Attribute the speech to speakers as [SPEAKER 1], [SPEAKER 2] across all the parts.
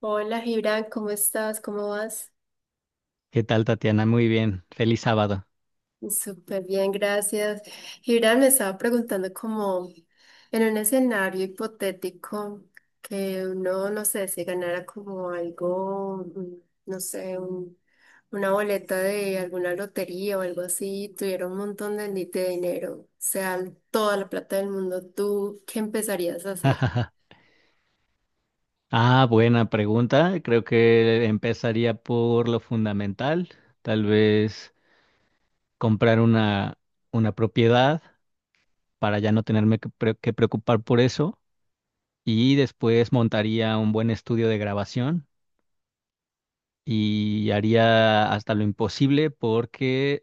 [SPEAKER 1] Hola Gibran, ¿cómo estás? ¿Cómo vas?
[SPEAKER 2] ¿Qué tal, Tatiana? Muy bien. Feliz sábado.
[SPEAKER 1] Súper bien, gracias. Gibran me estaba preguntando como en un escenario hipotético que uno, no sé, se ganara como algo, no sé, una boleta de alguna lotería o algo así, tuviera un montón de, de dinero, o sea, toda la plata del mundo, ¿tú qué empezarías a hacer?
[SPEAKER 2] Ah, buena pregunta. Creo que empezaría por lo fundamental. Tal vez comprar una propiedad para ya no tenerme que preocupar por eso. Y después montaría un buen estudio de grabación y haría hasta lo imposible porque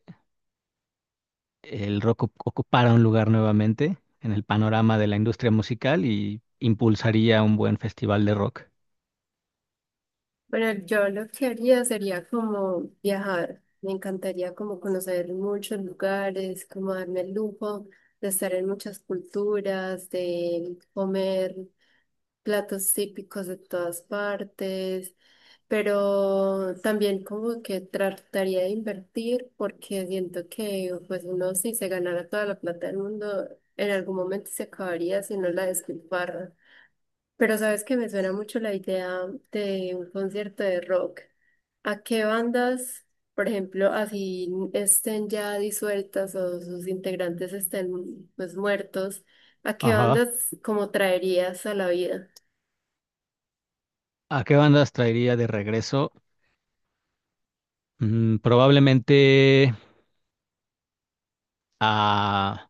[SPEAKER 2] el rock ocupara un lugar nuevamente en el panorama de la industria musical y impulsaría un buen festival de rock.
[SPEAKER 1] Bueno, yo lo que haría sería como viajar. Me encantaría como conocer muchos lugares, como darme el lujo de estar en muchas culturas, de comer platos típicos de todas partes, pero también como que trataría de invertir porque siento que pues uno si se ganara toda la plata del mundo, en algún momento se acabaría si no la despilfarra. Pero sabes que me suena mucho la idea de un concierto de rock. ¿A qué bandas, por ejemplo, así estén ya disueltas o sus integrantes estén pues muertos, a qué bandas como traerías a la vida?
[SPEAKER 2] ¿A qué bandas traería de regreso? Probablemente a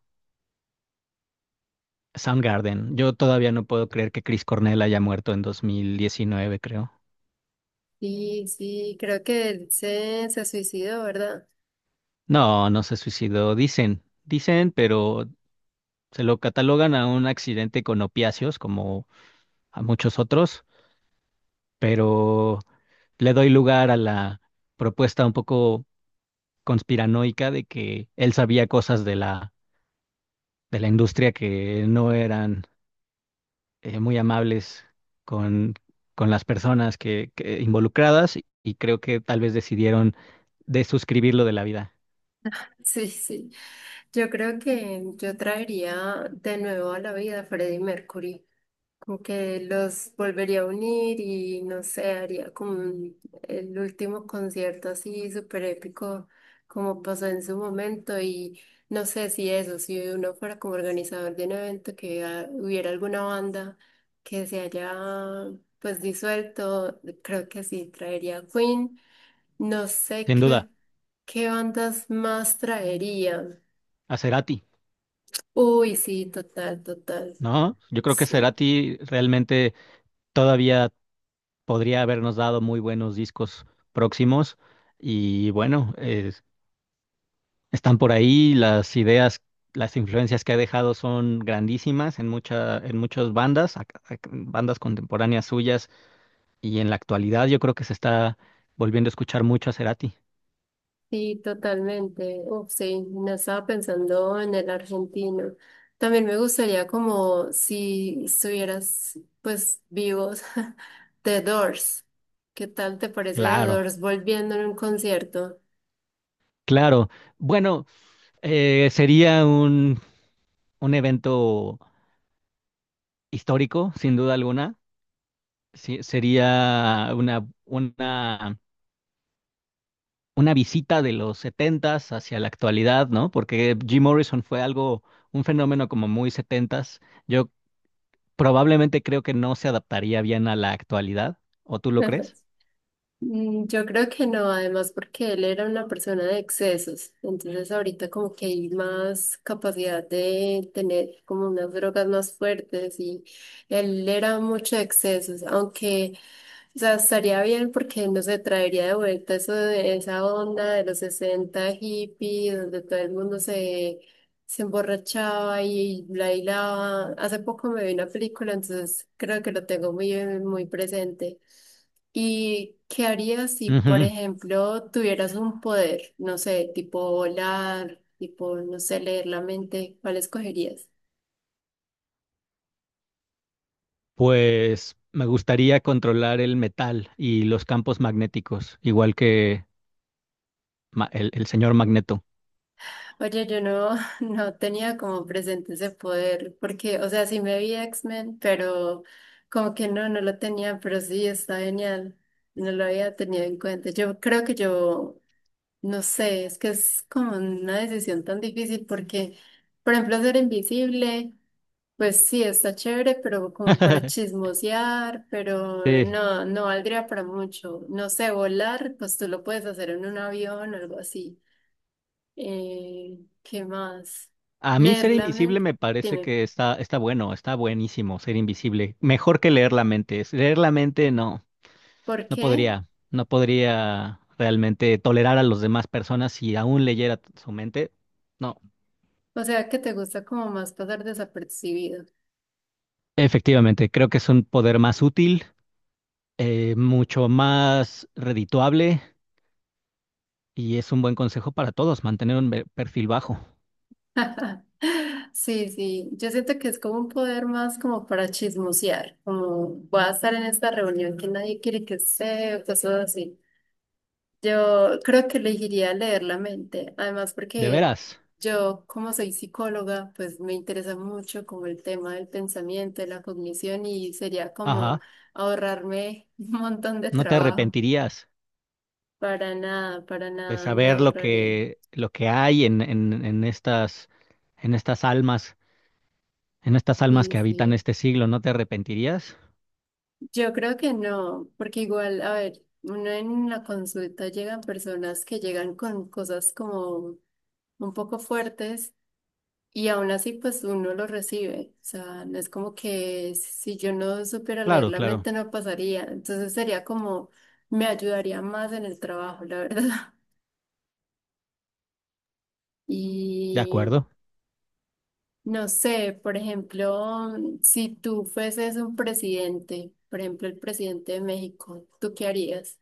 [SPEAKER 2] Soundgarden. Yo todavía no puedo creer que Chris Cornell haya muerto en 2019, creo.
[SPEAKER 1] Sí, sí, creo que él se suicidó, ¿verdad?
[SPEAKER 2] No, no se suicidó, dicen, pero se lo catalogan a un accidente con opiáceos, como a muchos otros, pero le doy lugar a la propuesta un poco conspiranoica de que él sabía cosas de la industria que no eran muy amables con, con las personas que involucradas y creo que tal vez decidieron desuscribirlo de la vida.
[SPEAKER 1] Sí, sí. Yo creo que yo traería de nuevo a la vida a Freddie Mercury, como que los volvería a unir y no sé, haría como el último concierto así súper épico como pasó en su momento. Y no sé si eso, si uno fuera como organizador de un evento que ah, hubiera alguna banda que se haya pues disuelto, creo que sí, traería a Queen, no sé
[SPEAKER 2] Sin duda,
[SPEAKER 1] qué, qué bandas más traería.
[SPEAKER 2] a Cerati,
[SPEAKER 1] Uy, sí, total, total,
[SPEAKER 2] ¿no? Yo creo que
[SPEAKER 1] sí.
[SPEAKER 2] Cerati realmente todavía podría habernos dado muy buenos discos próximos y bueno, están por ahí las ideas. Las influencias que ha dejado son grandísimas en en muchas bandas, bandas contemporáneas suyas. Y en la actualidad yo creo que se está volviendo a escuchar mucho a Cerati.
[SPEAKER 1] Sí, totalmente. Uf, sí, no estaba pensando en el argentino. También me gustaría como si estuvieras pues vivos, The Doors. ¿Qué tal te parece The
[SPEAKER 2] Claro,
[SPEAKER 1] Doors volviendo en un concierto?
[SPEAKER 2] claro. Bueno, sería un evento histórico, sin duda alguna. Sí, sería una visita de los setentas hacia la actualidad, ¿no? Porque Jim Morrison fue algo, un fenómeno como muy setentas. Yo probablemente creo que no se adaptaría bien a la actualidad. ¿O tú lo crees?
[SPEAKER 1] Mm, yo creo que no, además porque él era una persona de excesos, entonces ahorita como que hay más capacidad de tener como unas drogas más fuertes y él era mucho de excesos, aunque, o sea, estaría bien porque no se traería de vuelta eso de esa onda de los 60 hippies, donde todo el mundo se emborrachaba y bailaba. Hace poco me vi una película, entonces creo que lo tengo muy, muy presente. ¿Y qué harías si, por
[SPEAKER 2] Ujú.
[SPEAKER 1] ejemplo, tuvieras un poder, no sé, tipo volar, tipo, no sé, leer la mente? ¿Cuál escogerías?
[SPEAKER 2] Pues me gustaría controlar el metal y los campos magnéticos, igual que el señor Magneto.
[SPEAKER 1] Oye, yo no, no tenía como presente ese poder, porque, o sea, sí me vi X-Men, pero como que no, no lo tenía, pero sí, está genial. No lo había tenido en cuenta. Yo creo que yo. No sé, es que es como una decisión tan difícil porque, por ejemplo, ser invisible, pues sí, está chévere, pero como para chismosear, pero
[SPEAKER 2] Sí.
[SPEAKER 1] no, no valdría para mucho. No sé, volar, pues tú lo puedes hacer en un avión o algo así. ¿Qué más?
[SPEAKER 2] A mí
[SPEAKER 1] Leer
[SPEAKER 2] ser
[SPEAKER 1] la
[SPEAKER 2] invisible
[SPEAKER 1] mente.
[SPEAKER 2] me parece
[SPEAKER 1] Dime,
[SPEAKER 2] que está bueno, está buenísimo ser invisible. Mejor que leer la mente. Leer la mente no,
[SPEAKER 1] ¿por qué?
[SPEAKER 2] no podría realmente tolerar a las demás personas si aún leyera su mente. No,
[SPEAKER 1] O sea, que te gusta como más pasar desapercibido.
[SPEAKER 2] efectivamente, creo que es un poder más útil, mucho más redituable. Y es un buen consejo para todos, mantener un perfil bajo.
[SPEAKER 1] Sí, sí, yo siento que es como un poder más como para chismosear, como voy a estar en esta reunión que nadie quiere que esté, o cosas así. Yo creo que elegiría leer la mente, además
[SPEAKER 2] De
[SPEAKER 1] porque
[SPEAKER 2] veras.
[SPEAKER 1] yo como soy psicóloga, pues me interesa mucho como el tema del pensamiento, de la cognición y sería como
[SPEAKER 2] Ajá.
[SPEAKER 1] ahorrarme un montón de
[SPEAKER 2] No te
[SPEAKER 1] trabajo.
[SPEAKER 2] arrepentirías
[SPEAKER 1] Para
[SPEAKER 2] de
[SPEAKER 1] nada me
[SPEAKER 2] saber
[SPEAKER 1] ahorraría.
[SPEAKER 2] lo que hay en estas, en estas almas, en estas almas
[SPEAKER 1] Sí,
[SPEAKER 2] que habitan
[SPEAKER 1] sí.
[SPEAKER 2] este siglo. ¿No te arrepentirías?
[SPEAKER 1] Yo creo que no, porque igual, a ver, uno en la consulta llegan personas que llegan con cosas como un poco fuertes y aún así pues uno lo recibe. O sea, no es como que si yo no supiera leer
[SPEAKER 2] Claro,
[SPEAKER 1] la
[SPEAKER 2] claro.
[SPEAKER 1] mente no pasaría. Entonces sería como, me ayudaría más en el trabajo, la verdad.
[SPEAKER 2] De
[SPEAKER 1] Y
[SPEAKER 2] acuerdo.
[SPEAKER 1] no sé, por ejemplo, si tú fueses un presidente, por ejemplo, el presidente de México, ¿tú qué harías?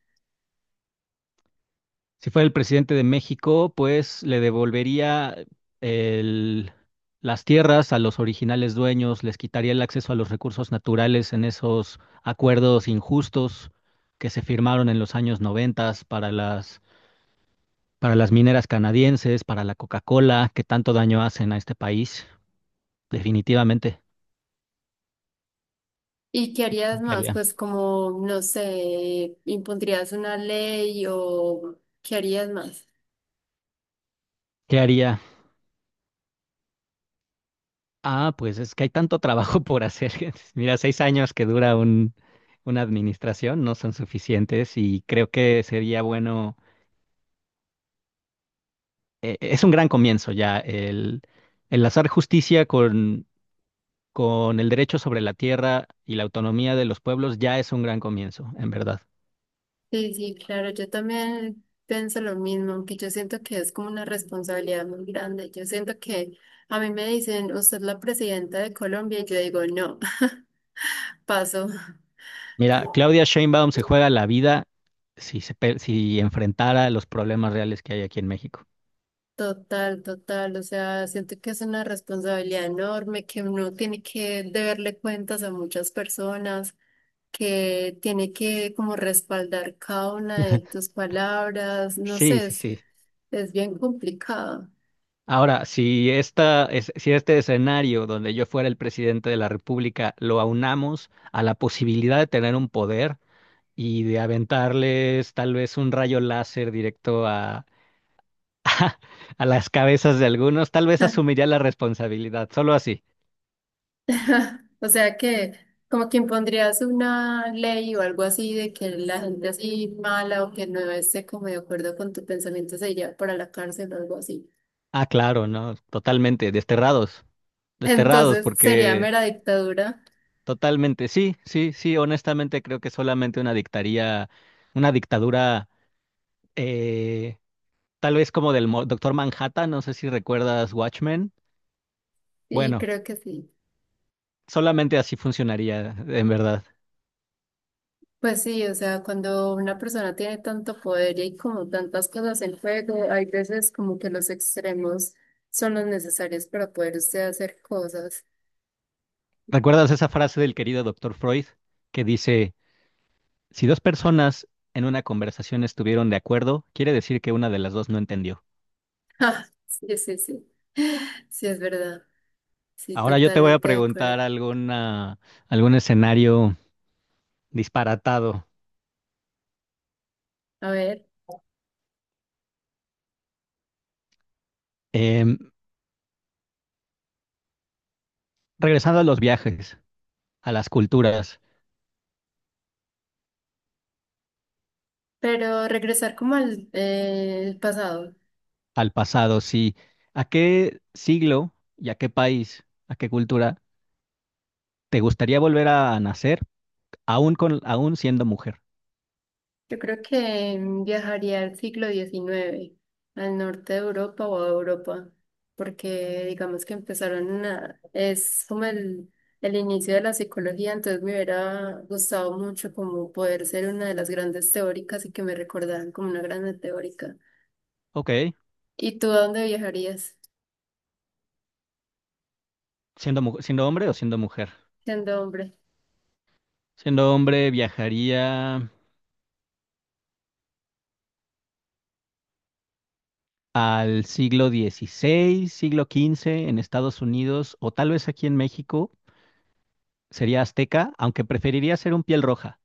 [SPEAKER 2] Si fuera el presidente de México, pues le devolvería el- las tierras a los originales dueños, les quitaría el acceso a los recursos naturales en esos acuerdos injustos que se firmaron en los años 90 para para las mineras canadienses, para la Coca-Cola, que tanto daño hacen a este país. Definitivamente.
[SPEAKER 1] ¿Y qué harías
[SPEAKER 2] ¿Qué
[SPEAKER 1] más?
[SPEAKER 2] haría?
[SPEAKER 1] Pues como, no sé, impondrías una ley o qué harías más.
[SPEAKER 2] ¿Qué haría? Ah, pues es que hay tanto trabajo por hacer. Mira, 6 años que dura una administración no son suficientes y creo que sería bueno, es un gran comienzo ya el enlazar justicia con el derecho sobre la tierra y la autonomía de los pueblos ya es un gran comienzo, en verdad.
[SPEAKER 1] Sí, sí, claro, yo también pienso lo mismo, aunque yo siento que es como una responsabilidad muy grande. Yo siento que a mí me dicen, usted es la presidenta de Colombia, y yo digo, no, paso.
[SPEAKER 2] Mira, Claudia Sheinbaum se juega la vida si enfrentara los problemas reales que hay aquí en México.
[SPEAKER 1] Total, total. O sea, siento que es una responsabilidad enorme, que uno tiene que deberle cuentas a muchas personas, que tiene que como respaldar cada una de tus palabras. No
[SPEAKER 2] Sí,
[SPEAKER 1] sé,
[SPEAKER 2] sí, sí.
[SPEAKER 1] es bien complicado.
[SPEAKER 2] Ahora, si este escenario donde yo fuera el presidente de la República lo aunamos a la posibilidad de tener un poder y de aventarles tal vez un rayo láser directo a las cabezas de algunos, tal vez asumiría la responsabilidad, solo así.
[SPEAKER 1] O sea que como que impondrías una ley o algo así de que la gente así mala o que no esté como de acuerdo con tu pensamiento se iría para la cárcel o algo así.
[SPEAKER 2] Ah, claro, no, totalmente, desterrados, desterrados,
[SPEAKER 1] Entonces sería
[SPEAKER 2] porque
[SPEAKER 1] mera dictadura.
[SPEAKER 2] totalmente, sí, sí, sí, honestamente creo que solamente una dictaría, una dictadura. eh, Tal vez como Doctor Manhattan, no sé si recuerdas Watchmen.
[SPEAKER 1] Sí,
[SPEAKER 2] Bueno,
[SPEAKER 1] creo que sí.
[SPEAKER 2] solamente así funcionaría, en verdad.
[SPEAKER 1] Pues sí, o sea, cuando una persona tiene tanto poder y hay como tantas cosas en juego, hay veces como que los extremos son los necesarios para poder usted hacer cosas.
[SPEAKER 2] ¿Recuerdas esa frase del querido Doctor Freud que dice, si dos personas en una conversación estuvieron de acuerdo, quiere decir que una de las dos no entendió?
[SPEAKER 1] Ah, sí, sí, sí. Sí, es verdad. Sí,
[SPEAKER 2] Ahora yo te voy a
[SPEAKER 1] totalmente de acuerdo.
[SPEAKER 2] preguntar algún escenario disparatado.
[SPEAKER 1] A ver,
[SPEAKER 2] Em, regresando a los viajes, a las culturas,
[SPEAKER 1] pero regresar como al el pasado.
[SPEAKER 2] al pasado, sí. ¿A qué siglo y a qué país, a qué cultura? ¿Te gustaría volver a nacer aún siendo mujer?
[SPEAKER 1] Yo creo que viajaría al siglo XIX, al norte de Europa o a Europa, porque digamos que empezaron a, es como el inicio de la psicología, entonces me hubiera gustado mucho como poder ser una de las grandes teóricas y que me recordaran como una grande teórica.
[SPEAKER 2] Ok,
[SPEAKER 1] ¿Y tú a dónde viajarías
[SPEAKER 2] siendo hombre o siendo mujer.
[SPEAKER 1] siendo hombre?
[SPEAKER 2] Siendo hombre viajaría al siglo XVI, siglo XV en Estados Unidos o tal vez aquí en México. Sería azteca, aunque preferiría ser un piel roja.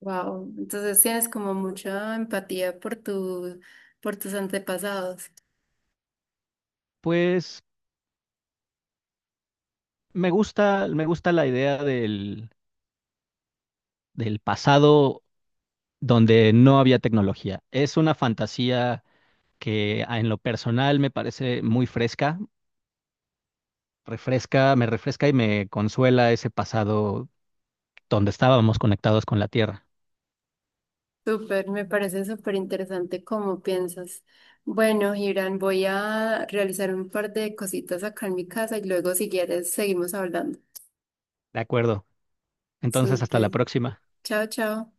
[SPEAKER 1] Wow, entonces tienes como mucha empatía por tu, por tus antepasados.
[SPEAKER 2] Pues me gusta la idea del pasado donde no había tecnología. Es una fantasía en lo personal me parece muy fresca, me refresca y me consuela ese pasado donde estábamos conectados con la Tierra.
[SPEAKER 1] Súper, me parece súper interesante cómo piensas. Bueno, Irán, voy a realizar un par de cositas acá en mi casa y luego si quieres seguimos hablando.
[SPEAKER 2] De acuerdo. Entonces, hasta la
[SPEAKER 1] Súper.
[SPEAKER 2] próxima.
[SPEAKER 1] Chao, chao.